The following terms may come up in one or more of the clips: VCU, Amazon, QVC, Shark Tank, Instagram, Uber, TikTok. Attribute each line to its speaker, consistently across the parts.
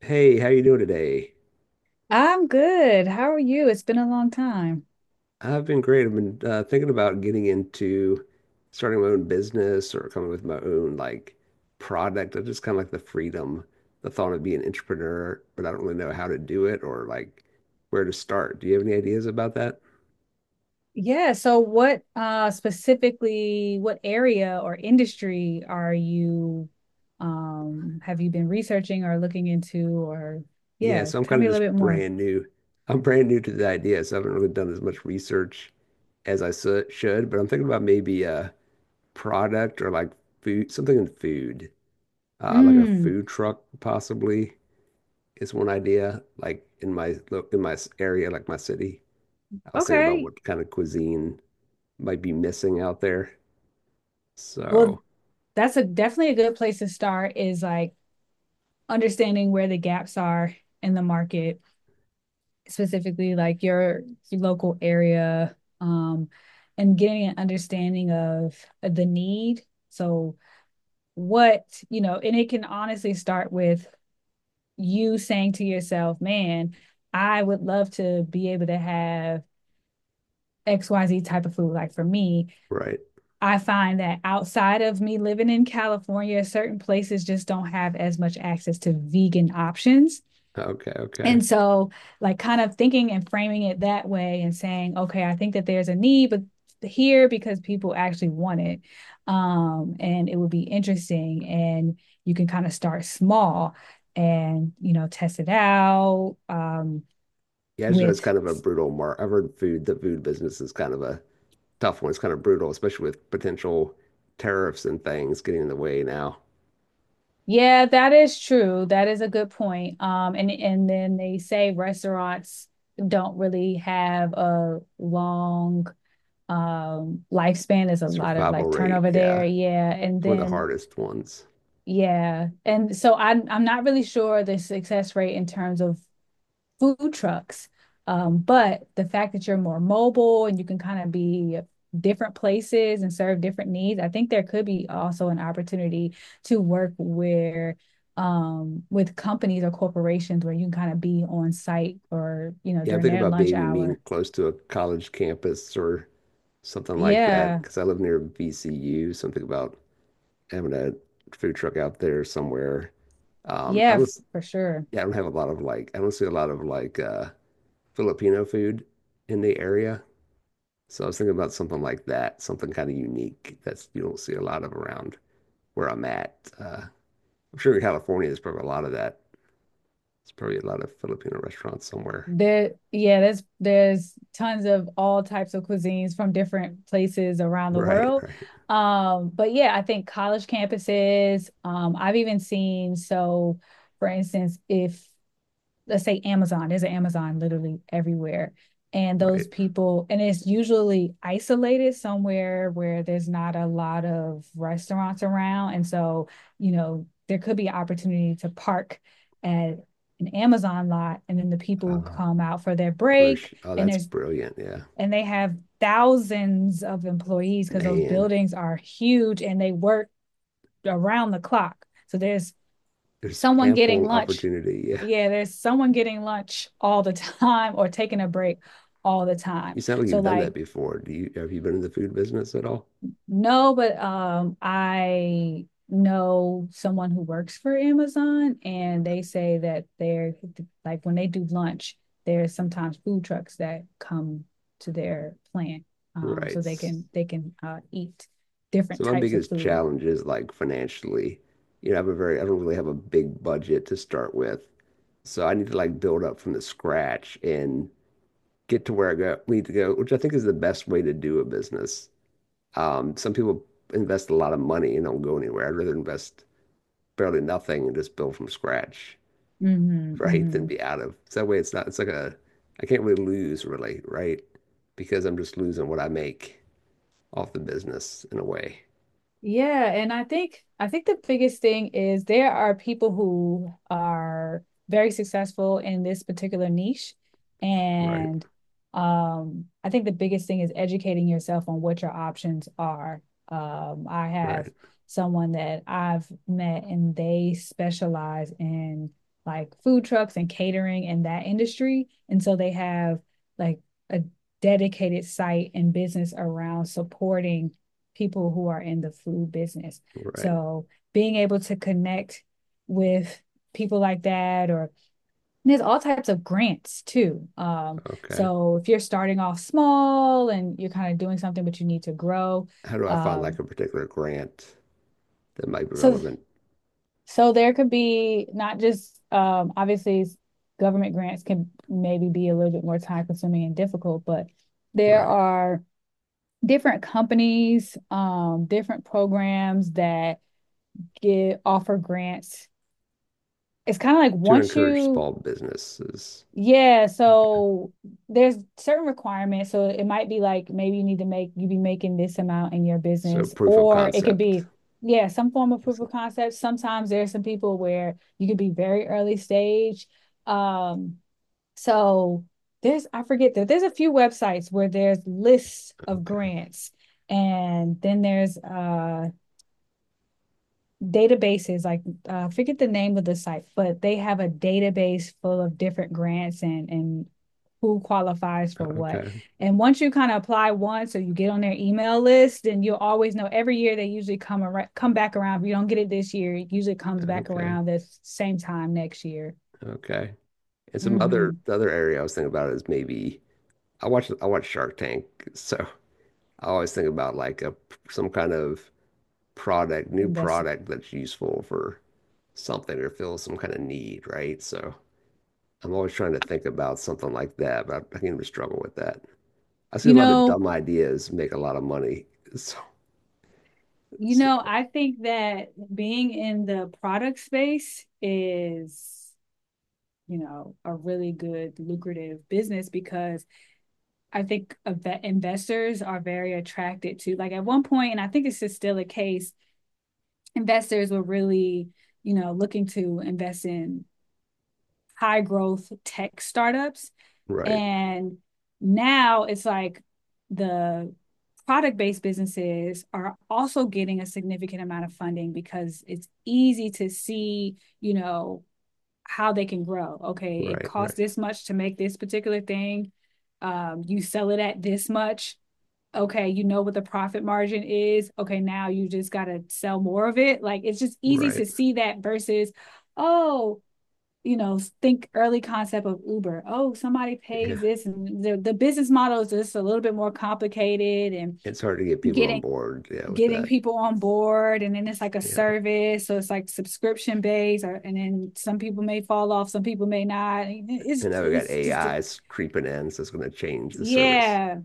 Speaker 1: Hey, how you doing today?
Speaker 2: I'm good. How are you? It's been a long time.
Speaker 1: I've been great. I've been thinking about getting into starting my own business or coming with my own product. I just kind of like the freedom, the thought of being an entrepreneur, but I don't really know how to do it or like where to start. Do you have any ideas about that?
Speaker 2: Yeah, so what specifically what area or industry are you have you been researching or looking into or
Speaker 1: Yeah,
Speaker 2: yeah,
Speaker 1: so I'm
Speaker 2: tell
Speaker 1: kind
Speaker 2: me
Speaker 1: of
Speaker 2: a little
Speaker 1: just
Speaker 2: bit more.
Speaker 1: brand new. I'm brand new to the idea, so I haven't really done as much research as should, but I'm thinking about maybe a product or like food, something in food, like a
Speaker 2: Mm,
Speaker 1: food truck possibly. Is one idea. Like in my area, like my city, I was thinking about
Speaker 2: okay.
Speaker 1: what kind of cuisine might be missing out there.
Speaker 2: Well,
Speaker 1: So,
Speaker 2: that's a definitely a good place to start is like understanding where the gaps are in the market specifically like your local area, um, and getting an understanding of the need. So, what, you know, and it can honestly start with you saying to yourself, man, I would love to be able to have XYZ type of food. Like for me,
Speaker 1: right.
Speaker 2: I find that outside of me living in California, certain places just don't have as much access to vegan options.
Speaker 1: Okay, okay.
Speaker 2: And so, like, kind of thinking and framing it that way and saying, okay, I think that there's a need, but here because people actually want it. And it would be interesting. And you can kind of start small and, you know, test it out
Speaker 1: Yeah, I just know it's
Speaker 2: with,
Speaker 1: kind of a brutal mark. I've heard food, the food business is kind of a tough one. It's kind of brutal, especially with potential tariffs and things getting in the way now.
Speaker 2: yeah, that is true. That is a good point. And then they say restaurants don't really have a long lifespan. There's a lot of like
Speaker 1: Survival rate,
Speaker 2: turnover there,
Speaker 1: yeah.
Speaker 2: yeah. And
Speaker 1: It's one of the
Speaker 2: then
Speaker 1: hardest ones.
Speaker 2: yeah. And so I'm not really sure the success rate in terms of food trucks. But the fact that you're more mobile and you can kind of be different places and serve different needs, I think there could be also an opportunity to work where with companies or corporations where you can kind of be on site or, you know,
Speaker 1: Yeah, I'm
Speaker 2: during
Speaker 1: thinking
Speaker 2: their
Speaker 1: about
Speaker 2: lunch
Speaker 1: maybe being
Speaker 2: hour.
Speaker 1: close to a college campus or something like that
Speaker 2: Yeah.
Speaker 1: because I live near VCU. Something about having a food truck out there somewhere. I
Speaker 2: Yeah,
Speaker 1: don't,
Speaker 2: f-
Speaker 1: s-
Speaker 2: for sure.
Speaker 1: Yeah, I don't have a lot of like, I don't see a lot of Filipino food in the area. So I was thinking about something like that, something kind of unique that's you don't see a lot of around where I'm at. Uh, I'm sure in California there's probably a lot of that. There's probably a lot of Filipino restaurants somewhere.
Speaker 2: There, yeah, there's tons of all types of cuisines from different places around the
Speaker 1: Right,
Speaker 2: world.
Speaker 1: right,
Speaker 2: But yeah, I think college campuses, I've even seen so for instance, if let's say Amazon, there's an Amazon literally everywhere. And those
Speaker 1: right.
Speaker 2: people, and it's usually isolated somewhere where there's not a lot of restaurants around. And so, you know, there could be an opportunity to park at an Amazon lot, and then the people come out for their
Speaker 1: On their
Speaker 2: break,
Speaker 1: sh oh,
Speaker 2: and
Speaker 1: that's
Speaker 2: there's
Speaker 1: brilliant. Yeah,
Speaker 2: and they have thousands of employees because those
Speaker 1: man,
Speaker 2: buildings are huge and they work around the clock. So there's
Speaker 1: there's
Speaker 2: someone getting
Speaker 1: ample
Speaker 2: lunch.
Speaker 1: opportunity. Yeah,
Speaker 2: Yeah, there's someone getting lunch all the time or taking a break all the time.
Speaker 1: you sound like
Speaker 2: So
Speaker 1: you've done
Speaker 2: like
Speaker 1: that before. Do you have you been in the food business at all?
Speaker 2: no, but I know someone who works for Amazon, and they say that they're like when they do lunch, there's sometimes food trucks that come to their plant, so
Speaker 1: Right.
Speaker 2: they can eat different
Speaker 1: So my
Speaker 2: types of
Speaker 1: biggest
Speaker 2: food.
Speaker 1: challenge is like financially. You know, I have a very, I don't really have a big budget to start with. So I need to like build up from the scratch and get to where need to go, which I think is the best way to do a business. Some people invest a lot of money and don't go anywhere. I'd rather invest barely nothing and just build from scratch,
Speaker 2: Mhm,
Speaker 1: right? Than
Speaker 2: mhm.
Speaker 1: be out of. So that way it's not, it's like a, I can't really lose really, right? Because I'm just losing what I make off the business in a way.
Speaker 2: Yeah, and I think the biggest thing is there are people who are very successful in this particular niche,
Speaker 1: Right.
Speaker 2: and I think the biggest thing is educating yourself on what your options are. I have
Speaker 1: Right.
Speaker 2: someone that I've met, and they specialize in like food trucks and catering in that industry, and so they have like a dedicated site and business around supporting people who are in the food business.
Speaker 1: Right.
Speaker 2: So being able to connect with people like that, or there's all types of grants too.
Speaker 1: Okay.
Speaker 2: So if you're starting off small and you're kind of doing something but you need to grow,
Speaker 1: How do I find like
Speaker 2: um,
Speaker 1: a particular grant that might be
Speaker 2: so
Speaker 1: relevant?
Speaker 2: so there could be not just obviously government grants can maybe be a little bit more time consuming and difficult, but there
Speaker 1: Right.
Speaker 2: are different companies, different programs that get offer grants. It's kind of like
Speaker 1: To
Speaker 2: once
Speaker 1: encourage
Speaker 2: you
Speaker 1: small businesses.
Speaker 2: yeah,
Speaker 1: Okay.
Speaker 2: so there's certain requirements. So it might be like maybe you need to make you be making this amount in your
Speaker 1: So
Speaker 2: business,
Speaker 1: proof of
Speaker 2: or it could
Speaker 1: concept.
Speaker 2: be, yeah, some form of proof of concept. Sometimes there's some people where you could be very early stage. Um, so there's I forget that there's a few websites where there's lists of
Speaker 1: Okay.
Speaker 2: grants, and then there's databases like I forget the name of the site, but they have a database full of different grants, and who qualifies for what.
Speaker 1: Okay.
Speaker 2: And once you kind of apply once or you get on their email list, then you'll always know every year they usually come around come back around. If you don't get it this year, it usually comes back
Speaker 1: Okay.
Speaker 2: around the same time next year.
Speaker 1: Okay. And some other
Speaker 2: Mm-hmm.
Speaker 1: the other area I was thinking about is maybe I watch Shark Tank, so I always think about like a some kind of product, new
Speaker 2: invest
Speaker 1: product that's useful for something or fills some kind of need, right? So I'm always trying to think about something like that, but I, can even struggle with that. I see a
Speaker 2: you
Speaker 1: lot of
Speaker 2: know
Speaker 1: dumb ideas make a lot of money. So,
Speaker 2: you know
Speaker 1: so-
Speaker 2: i think that being in the product space is, you know, a really good lucrative business because I think investors are very attracted to. Like at one point, and I think it's just still a case, investors were really, you know, looking to invest in high growth tech startups.
Speaker 1: right,
Speaker 2: And now it's like the product based businesses are also getting a significant amount of funding because it's easy to see, you know, how they can grow. Okay, it
Speaker 1: right, right,
Speaker 2: costs this much to make this particular thing. You sell it at this much, okay, you know what the profit margin is. Okay, now you just got to sell more of it. Like it's just easy to
Speaker 1: right.
Speaker 2: see that versus, oh, you know, think early concept of Uber. Oh, somebody
Speaker 1: Yeah.
Speaker 2: pays this, and the business model is just a little bit more complicated, and
Speaker 1: It's hard to get people on
Speaker 2: getting
Speaker 1: board, yeah, with
Speaker 2: getting
Speaker 1: that.
Speaker 2: people on board, and then it's like a
Speaker 1: Yeah.
Speaker 2: service, so it's like subscription based, or, and then some people may fall off, some people may not. It's
Speaker 1: And now we have got
Speaker 2: it's just
Speaker 1: AIs creeping in, so it's going to change the service
Speaker 2: yeah.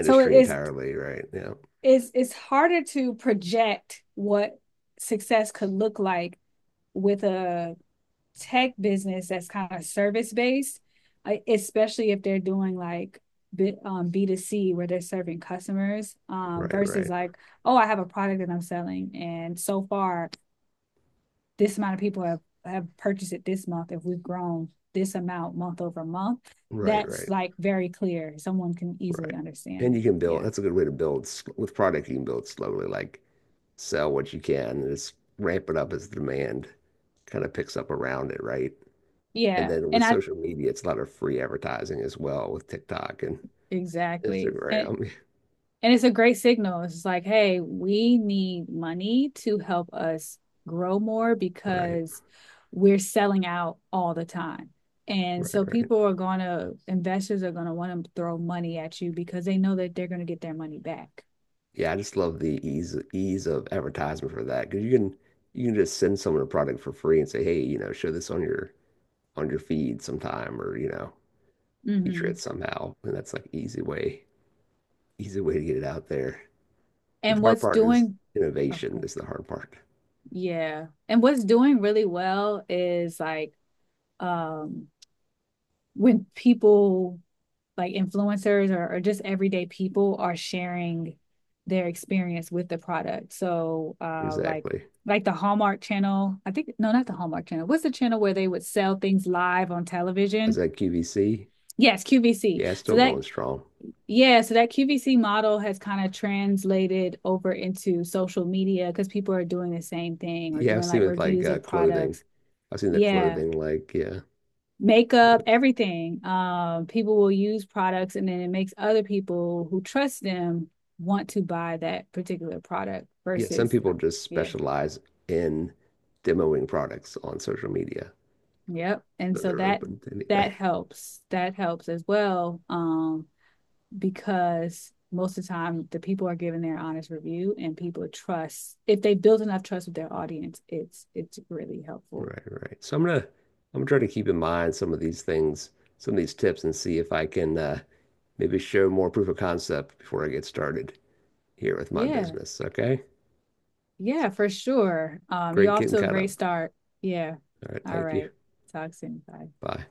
Speaker 2: So it's
Speaker 1: entirely, right? Yeah.
Speaker 2: it's it's harder to project what success could look like with a tech business that's kind of service based, especially if they're doing like B2C where they're serving customers,
Speaker 1: Right,
Speaker 2: versus like, oh, I have a product that I'm selling. And so far, this amount of people have purchased it this month. If we've grown this amount month over month,
Speaker 1: right,
Speaker 2: that's
Speaker 1: right,
Speaker 2: like very clear. Someone can easily
Speaker 1: right.
Speaker 2: understand
Speaker 1: And
Speaker 2: it.
Speaker 1: you can build,
Speaker 2: Yeah.
Speaker 1: that's a good way to with product, you can build slowly, like sell what you can and just ramp it up as the demand kind of picks up around it, right? And
Speaker 2: Yeah.
Speaker 1: then with social media, it's a lot of free advertising as well with TikTok and
Speaker 2: Exactly. And,
Speaker 1: Instagram.
Speaker 2: And it's a great signal. It's like, hey, we need money to help us grow more
Speaker 1: Right,
Speaker 2: because we're selling out all the time. And
Speaker 1: right,
Speaker 2: so
Speaker 1: right.
Speaker 2: people are going to, investors are going to want to throw money at you because they know that they're going to get their money back.
Speaker 1: Yeah, I just love the ease of advertisement for that because you can just send someone a product for free and say, hey, you know, show this on your feed sometime or you know feature it
Speaker 2: Mm-hmm.
Speaker 1: somehow, and that's like easy way to get it out there. But the
Speaker 2: And
Speaker 1: hard
Speaker 2: what's
Speaker 1: part is
Speaker 2: doing, oh,
Speaker 1: innovation
Speaker 2: good.
Speaker 1: is the hard part.
Speaker 2: Yeah. And what's doing really well is like um, when people like influencers, or just everyday people are sharing their experience with the product. So
Speaker 1: Exactly.
Speaker 2: like the Hallmark channel, I think no, not the Hallmark channel. What's the channel where they would sell things live on
Speaker 1: Is
Speaker 2: television?
Speaker 1: that QVC?
Speaker 2: Yes, QVC.
Speaker 1: Yeah, it's
Speaker 2: So
Speaker 1: still
Speaker 2: that
Speaker 1: going strong.
Speaker 2: yeah, so that QVC model has kind of translated over into social media because people are doing the same thing or
Speaker 1: Yeah, I've
Speaker 2: doing
Speaker 1: seen
Speaker 2: like
Speaker 1: with
Speaker 2: reviews of
Speaker 1: clothing.
Speaker 2: products.
Speaker 1: I've seen the
Speaker 2: Yeah.
Speaker 1: clothing like yeah.
Speaker 2: Makeup,
Speaker 1: Yes.
Speaker 2: everything. People will use products and then it makes other people who trust them want to buy that particular product
Speaker 1: Yeah, some
Speaker 2: versus
Speaker 1: people just
Speaker 2: yeah,
Speaker 1: specialize in demoing products on social media,
Speaker 2: yep. And
Speaker 1: so
Speaker 2: so
Speaker 1: they're
Speaker 2: that
Speaker 1: open to anything.
Speaker 2: that helps. That helps as well. Because most of the time the people are giving their honest review, and people trust if they build enough trust with their audience, it's really helpful.
Speaker 1: Right, right. So I'm gonna try to keep in mind some of these things, some of these tips and see if I can maybe show more proof of concept before I get started here with my
Speaker 2: Yeah.
Speaker 1: business. Okay?
Speaker 2: Yeah, for sure. You're
Speaker 1: Great
Speaker 2: off
Speaker 1: getting
Speaker 2: to a
Speaker 1: caught
Speaker 2: great
Speaker 1: up.
Speaker 2: start. Yeah.
Speaker 1: All right,
Speaker 2: All
Speaker 1: thank you.
Speaker 2: right. Talk soon. Bye.
Speaker 1: Bye.